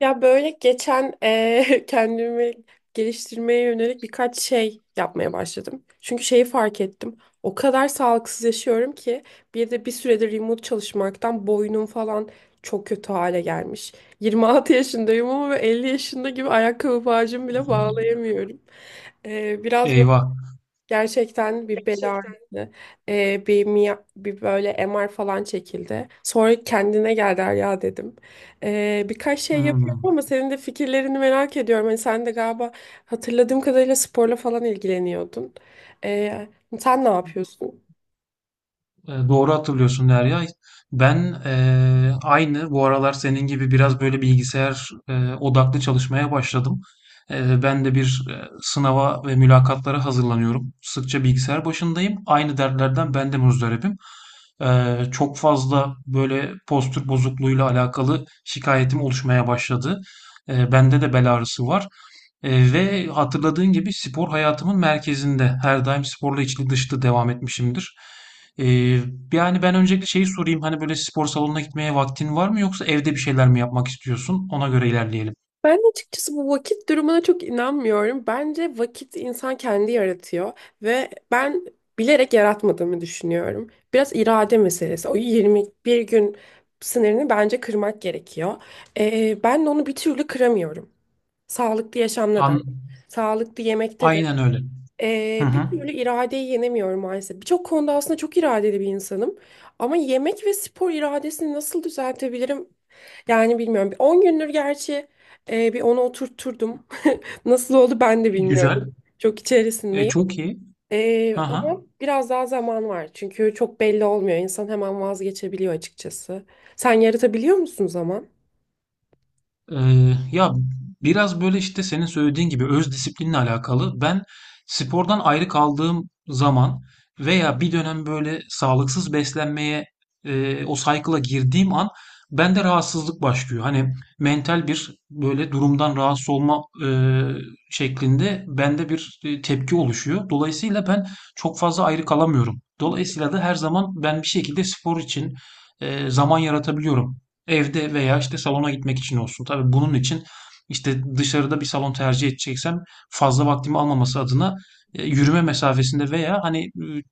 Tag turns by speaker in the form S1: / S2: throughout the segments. S1: Ya böyle geçen kendimi geliştirmeye yönelik birkaç şey yapmaya başladım. Çünkü şeyi fark ettim. O kadar sağlıksız yaşıyorum ki bir de bir süredir remote çalışmaktan boynum falan çok kötü hale gelmiş. 26 yaşındayım ama böyle 50 yaşında gibi ayakkabı bağcığımı bile bağlayamıyorum. Biraz
S2: Eyvah.
S1: gerçekten bir bel ağrısı, bir böyle MR falan çekildi. Sonra kendine gel ya dedim. Birkaç şey yapıyorum
S2: Hmm.
S1: ama senin de fikirlerini merak ediyorum. Hani sen de galiba hatırladığım kadarıyla sporla falan ilgileniyordun. E, Sen ne yapıyorsun?
S2: Doğru hatırlıyorsun Derya. Ben aynı bu aralar senin gibi biraz böyle bilgisayar odaklı çalışmaya başladım. Ben de bir sınava ve mülakatlara hazırlanıyorum. Sıkça bilgisayar başındayım. Aynı dertlerden ben de muzdaribim. Çok fazla böyle postür bozukluğuyla alakalı şikayetim oluşmaya başladı. Bende de bel ağrısı var. Ve hatırladığın gibi spor hayatımın merkezinde. Her daim sporla içli dışlı devam etmişimdir. Ee, yani ben öncelikle şeyi sorayım, hani böyle spor salonuna gitmeye vaktin var mı yoksa evde bir şeyler mi yapmak istiyorsun? Ona göre ilerleyelim.
S1: Ben de açıkçası bu vakit durumuna çok inanmıyorum. Bence vakit insan kendi yaratıyor ve ben bilerek yaratmadığımı düşünüyorum. Biraz irade meselesi. O 21 gün sınırını bence kırmak gerekiyor. Ben de onu bir türlü kıramıyorum. Sağlıklı yaşamda da,
S2: An
S1: sağlıklı yemekte de.
S2: Aynen öyle. Hı
S1: Bir
S2: hı.
S1: türlü iradeyi yenemiyorum maalesef. Birçok konuda aslında çok iradeli bir insanım. Ama yemek ve spor iradesini nasıl düzeltebilirim, yani bilmiyorum. Bir 10 gündür gerçi bir onu oturtturdum. Nasıl oldu ben de bilmiyorum.
S2: Güzel.
S1: Çok
S2: E,
S1: içerisindeyim.
S2: çok iyi. Hı hı.
S1: Ama biraz daha zaman var. Çünkü çok belli olmuyor. İnsan hemen vazgeçebiliyor açıkçası. Sen yaratabiliyor musun zaman?
S2: Ya biraz böyle işte senin söylediğin gibi öz disiplinle alakalı. Ben spordan ayrı kaldığım zaman veya bir dönem böyle sağlıksız beslenmeye, o cycle'a girdiğim an bende rahatsızlık başlıyor. Hani mental bir böyle durumdan rahatsız olma, e, şeklinde bende bir tepki oluşuyor. Dolayısıyla ben çok fazla ayrı kalamıyorum. Dolayısıyla da her zaman ben bir şekilde spor için zaman yaratabiliyorum. Evde veya işte salona gitmek için olsun. Tabii bunun için işte dışarıda bir salon tercih edeceksem, fazla vaktimi almaması adına yürüme mesafesinde veya hani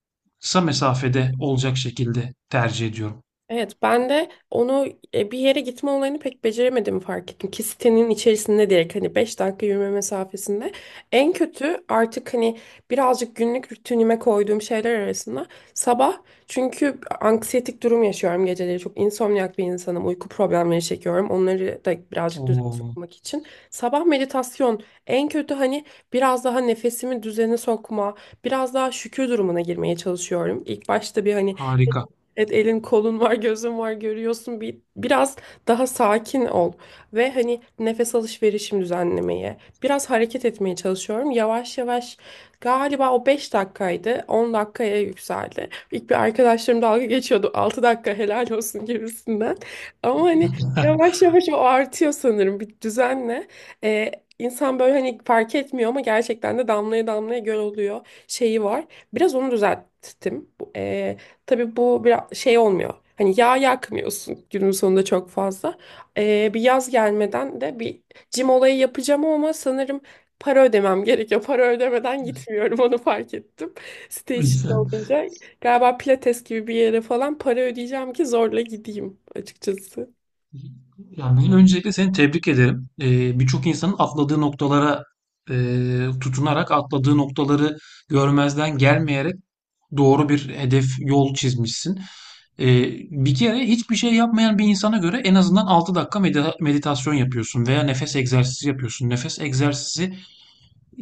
S2: kısa mesafede olacak şekilde tercih ediyorum.
S1: Evet, ben de onu, bir yere gitme olayını pek beceremediğimi fark ettim. Ki sitenin içerisinde direkt, hani, 5 dakika yürüme mesafesinde. En kötü artık hani birazcık günlük rutinime koyduğum şeyler arasında sabah, çünkü anksiyetik durum yaşıyorum geceleri. Çok insomniak bir insanım. Uyku problemleri çekiyorum. Onları da birazcık düzene
S2: Oo,
S1: sokmak için sabah meditasyon, en kötü hani biraz daha nefesimi düzene sokma, biraz daha şükür durumuna girmeye çalışıyorum. İlk başta bir hani,
S2: harika.
S1: evet, elin kolun var, gözün var, görüyorsun. Bir, biraz daha sakin ol ve hani nefes alışverişimi düzenlemeye, biraz hareket etmeye çalışıyorum. Yavaş yavaş, galiba o 5 dakikaydı, 10 dakikaya yükseldi. İlk bir arkadaşlarım dalga geçiyordu. 6 dakika, helal olsun gibisinden. Ama hani yavaş yavaş o artıyor sanırım bir düzenle. Ee, insan böyle hani fark etmiyor ama gerçekten de damlaya damlaya göl oluyor şeyi var. Biraz onu düzelttim. Tabii bu biraz şey olmuyor. Hani yağ yakmıyorsun günün sonunda çok fazla. Bir yaz gelmeden de bir cim olayı yapacağım ama sanırım para ödemem gerekiyor. Para ödemeden gitmiyorum, onu fark ettim. Site içinde olunca galiba Pilates gibi bir yere falan para ödeyeceğim ki zorla gideyim açıkçası.
S2: Yani öncelikle seni tebrik ederim. Birçok insanın atladığı noktalara, e, tutunarak atladığı noktaları görmezden gelmeyerek doğru bir hedef yol çizmişsin. Ee, bir kere hiçbir şey yapmayan bir insana göre en azından 6 dakika meditasyon yapıyorsun veya nefes egzersizi yapıyorsun. Nefes egzersizi,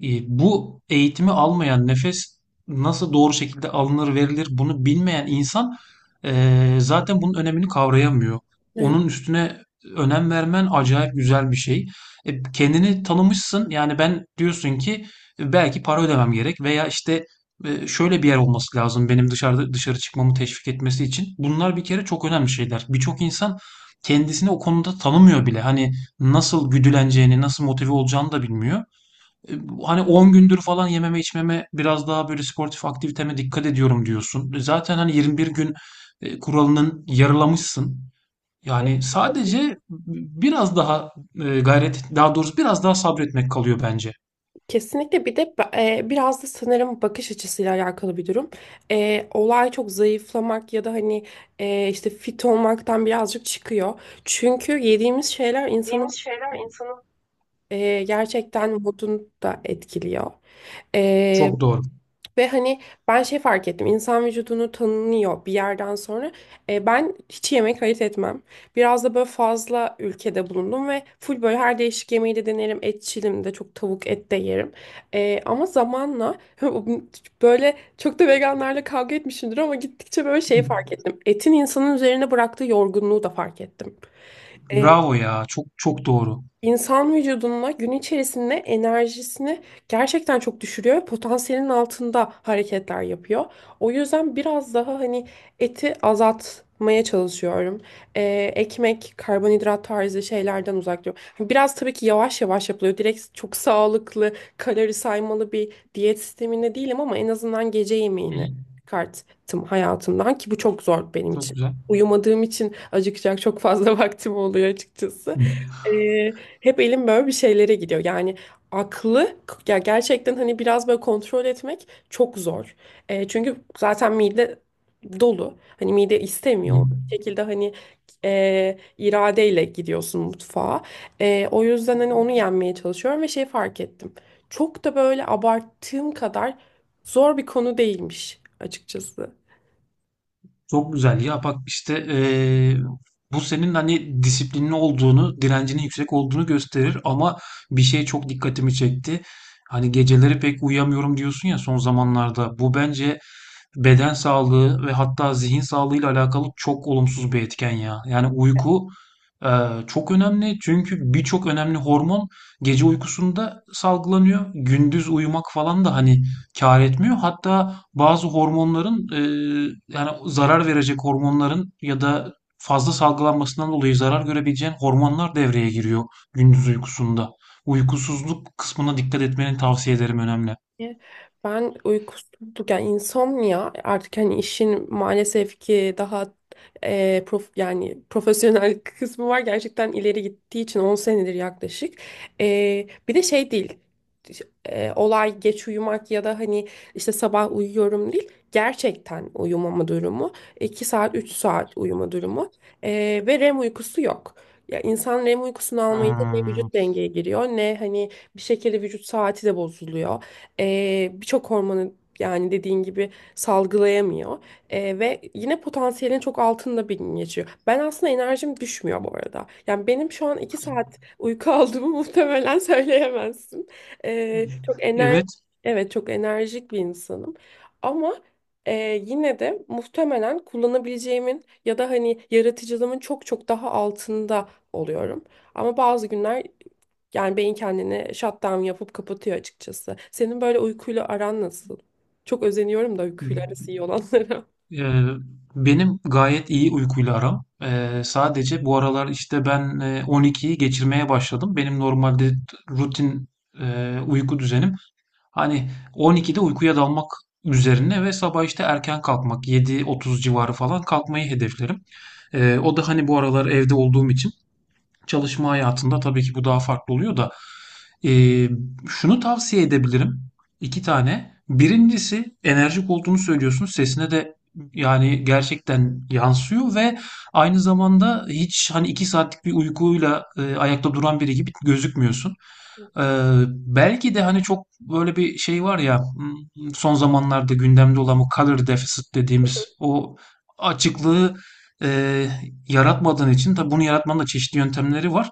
S2: bu eğitimi almayan, nefes nasıl doğru şekilde alınır verilir bunu bilmeyen insan, zaten bunun önemini kavrayamıyor.
S1: Evet.
S2: Onun üstüne önem vermen acayip güzel bir şey. Kendini tanımışsın, yani ben diyorsun ki belki para ödemem gerek veya işte şöyle bir yer olması lazım benim dışarıda dışarı çıkmamı teşvik etmesi için. Bunlar bir kere çok önemli şeyler. Birçok insan kendisini o konuda tanımıyor bile. Hani nasıl güdüleneceğini, nasıl motive olacağını da bilmiyor. E, Hani 10 gündür falan yememe içmeme, biraz daha böyle sportif aktiviteme dikkat ediyorum diyorsun. Zaten hani 21 gün kuralının yarılamışsın. Yani sadece biraz daha gayret, daha doğrusu biraz daha sabretmek kalıyor bence.
S1: Kesinlikle, bir de biraz da sanırım bakış açısıyla alakalı bir durum. Olay çok zayıflamak ya da hani işte fit olmaktan birazcık çıkıyor. Çünkü yediğimiz şeyler insanın gerçekten modunu da etkiliyor.
S2: Çok doğru.
S1: Ve hani ben şey fark ettim. İnsan vücudunu tanınıyor bir yerden sonra. Ben hiç yemek ayırt etmem. Biraz da böyle fazla ülkede bulundum ve full böyle her değişik yemeği de denerim. Etçilim de, çok tavuk et de yerim. Ama zamanla böyle çok da veganlarla kavga etmişimdir ama gittikçe böyle şey fark ettim. Etin insanın üzerine bıraktığı yorgunluğu da fark ettim. E,
S2: Bravo ya. Çok çok doğru.
S1: İnsan vücuduna gün içerisinde enerjisini gerçekten çok düşürüyor ve potansiyelin altında hareketler yapıyor. O yüzden biraz daha hani eti azaltmaya çalışıyorum. Ekmek, karbonhidrat tarzı şeylerden uzak duruyorum. Hani biraz, tabii ki, yavaş yavaş yapılıyor. Direkt çok sağlıklı, kalori saymalı bir diyet sisteminde değilim ama en azından gece
S2: Hı.
S1: yemeğini çıkarttım hayatımdan ki bu çok zor benim
S2: Çok
S1: için.
S2: güzel.
S1: Uyumadığım için acıkacak çok fazla vaktim oluyor açıkçası.
S2: Hı.
S1: Hep elim böyle bir şeylere gidiyor. Yani aklı, ya, gerçekten hani biraz böyle kontrol etmek çok zor. Çünkü zaten mide dolu. Hani mide
S2: Hı.
S1: istemiyor. Bir şekilde hani iradeyle gidiyorsun mutfağa. O yüzden hani onu yenmeye çalışıyorum ve şey fark ettim. Çok da böyle abarttığım kadar zor bir konu değilmiş açıkçası.
S2: Çok güzel ya, bak işte bu senin hani disiplinli olduğunu, direncinin yüksek olduğunu gösterir, ama bir şey çok dikkatimi çekti. Hani geceleri pek uyuyamıyorum diyorsun ya son zamanlarda. Bu bence beden sağlığı ve hatta zihin sağlığıyla alakalı çok olumsuz bir etken ya. Yani uyku çok önemli, çünkü birçok önemli hormon gece uykusunda salgılanıyor. Gündüz uyumak falan da hani kâr etmiyor. Hatta bazı hormonların yani zarar verecek hormonların ya da fazla salgılanmasından dolayı zarar görebileceğin hormonlar devreye giriyor gündüz uykusunda. Uykusuzluk kısmına dikkat etmeni tavsiye ederim, önemli.
S1: Ben uykusuzluk, yani insomnia, artık hani işin maalesef ki daha yani profesyonel kısmı var, gerçekten ileri gittiği için 10 senedir yaklaşık. Bir de şey değil, olay geç uyumak ya da hani işte sabah uyuyorum değil, gerçekten uyumama durumu, 2 saat 3 saat uyuma durumu. Ve REM uykusu yok. Ya insan REM uykusunu almayınca ne
S2: Hmm,
S1: vücut dengeye giriyor ne hani bir şekilde vücut saati de bozuluyor. Birçok hormonu, yani, dediğin gibi salgılayamıyor. Ve yine potansiyelin çok altında bir gün geçiyor. Ben aslında enerjim düşmüyor bu arada. Yani benim şu an 2 saat uyku aldığımı muhtemelen söyleyemezsin. Çok ener
S2: evet.
S1: evet çok enerjik bir insanım. Ama e, yine de muhtemelen kullanabileceğimin ya da hani yaratıcılığımın çok çok daha altında oluyorum. Ama bazı günler yani beyin kendini shutdown yapıp kapatıyor açıkçası. Senin böyle uykuyla aran nasıl? Çok özeniyorum da uykuyla arası iyi olanlara.
S2: Ee, benim gayet iyi uykuyla aram. Sadece bu aralar işte ben 12'yi geçirmeye başladım. Benim normalde rutin uyku düzenim hani 12'de uykuya dalmak üzerine ve sabah işte erken kalkmak, 7.30 civarı falan kalkmayı hedeflerim. O da hani bu aralar evde olduğum için, çalışma hayatında tabii ki bu daha farklı oluyor da, eee, şunu tavsiye edebilirim. İki tane. Birincisi, enerjik olduğunu söylüyorsun. Sesine de yani gerçekten yansıyor ve aynı zamanda hiç hani 2 saatlik bir uykuyla ayakta duran biri gibi gözükmüyorsun. Eee, belki de hani çok böyle bir şey var ya, son zamanlarda gündemde olan bu color deficit dediğimiz o açıklığı e, yaratmadığın için. Tabii bunu yaratmanın da çeşitli yöntemleri var.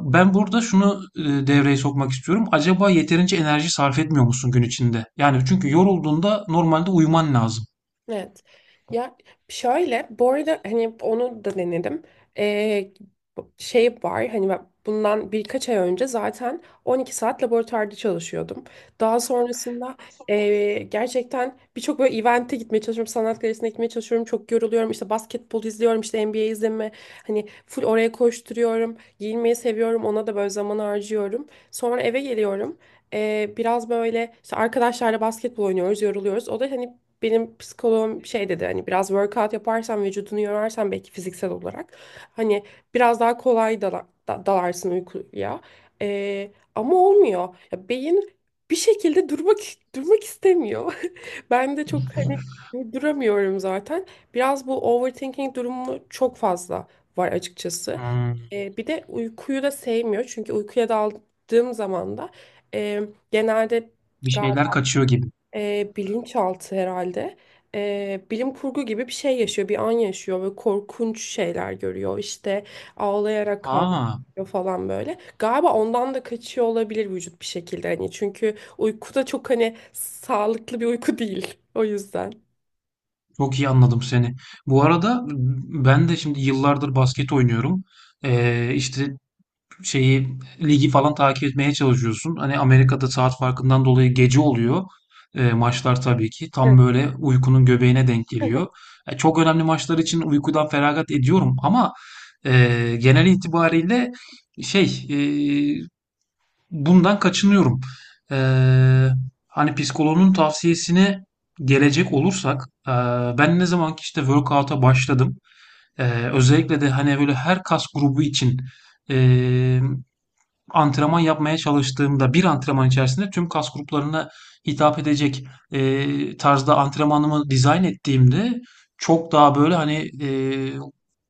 S2: Ben burada şunu devreye sokmak istiyorum. Acaba yeterince enerji sarf etmiyor musun gün içinde? Yani çünkü yorulduğunda normalde uyuman lazım.
S1: Evet. Ya şöyle, bu arada, hani onu da denedim. Ee, Şey var, hani ben bundan birkaç ay önce zaten 12 saat laboratuvarda çalışıyordum. Daha sonrasında gerçekten birçok böyle event'e gitmeye çalışıyorum. Sanat galerisine gitmeye çalışıyorum. Çok yoruluyorum. İşte basketbol izliyorum. İşte NBA izleme. Hani full oraya koşturuyorum. Giyinmeyi seviyorum. Ona da böyle zaman harcıyorum. Sonra eve geliyorum. Biraz böyle işte arkadaşlarla basketbol oynuyoruz, yoruluyoruz. O da hani, benim psikoloğum şey dedi, hani biraz workout yaparsan, vücudunu yorarsan, belki fiziksel olarak hani biraz daha kolay dalarsın uykuya. Ama olmuyor. Ya beyin bir şekilde durmak istemiyor. Ben de çok hani duramıyorum zaten. Biraz bu overthinking durumu çok fazla var açıkçası.
S2: Hmm,
S1: Bir de uykuyu da sevmiyor. Çünkü uykuya daldığım zaman da, e, genelde,
S2: bir şeyler kaçıyor gibi.
S1: bilinçaltı herhalde. Bilim kurgu gibi bir şey yaşıyor, bir an yaşıyor ve korkunç şeyler görüyor. İşte ağlayarak
S2: Aa,
S1: kalkıyor falan böyle. Galiba ondan da kaçıyor olabilir vücut bir şekilde hani, çünkü uyku da çok hani sağlıklı bir uyku değil. O yüzden.
S2: çok iyi anladım seni. Bu arada ben de şimdi yıllardır basket oynuyorum. İşte şeyi, ligi falan takip etmeye çalışıyorsun. Hani Amerika'da saat farkından dolayı gece oluyor. Maçlar tabii ki tam böyle uykunun göbeğine denk geliyor.
S1: Evet.
S2: Çok önemli maçlar için uykudan feragat ediyorum, ama genel itibariyle şey, bundan kaçınıyorum. E, hani psikoloğun tavsiyesine gelecek olursak, e, ben ne zaman ki işte workout'a başladım, E, özellikle de hani böyle her kas grubu için e, antrenman yapmaya çalıştığımda, bir antrenman içerisinde tüm kas gruplarına hitap edecek tarzda antrenmanımı dizayn ettiğimde, çok daha böyle hani e,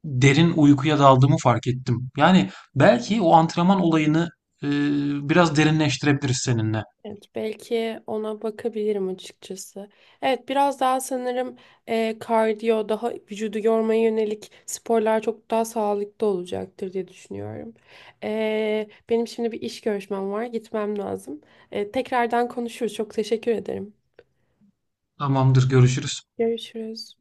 S2: derin uykuya daldığımı fark ettim. Yani belki o antrenman olayını e, biraz derinleştirebiliriz seninle.
S1: Evet, belki ona bakabilirim açıkçası. Evet, biraz daha sanırım kardiyo, daha vücudu yormaya yönelik sporlar çok daha sağlıklı olacaktır diye düşünüyorum. Benim şimdi bir iş görüşmem var, gitmem lazım. Tekrardan konuşuruz. Çok teşekkür ederim.
S2: Tamamdır, görüşürüz.
S1: Görüşürüz.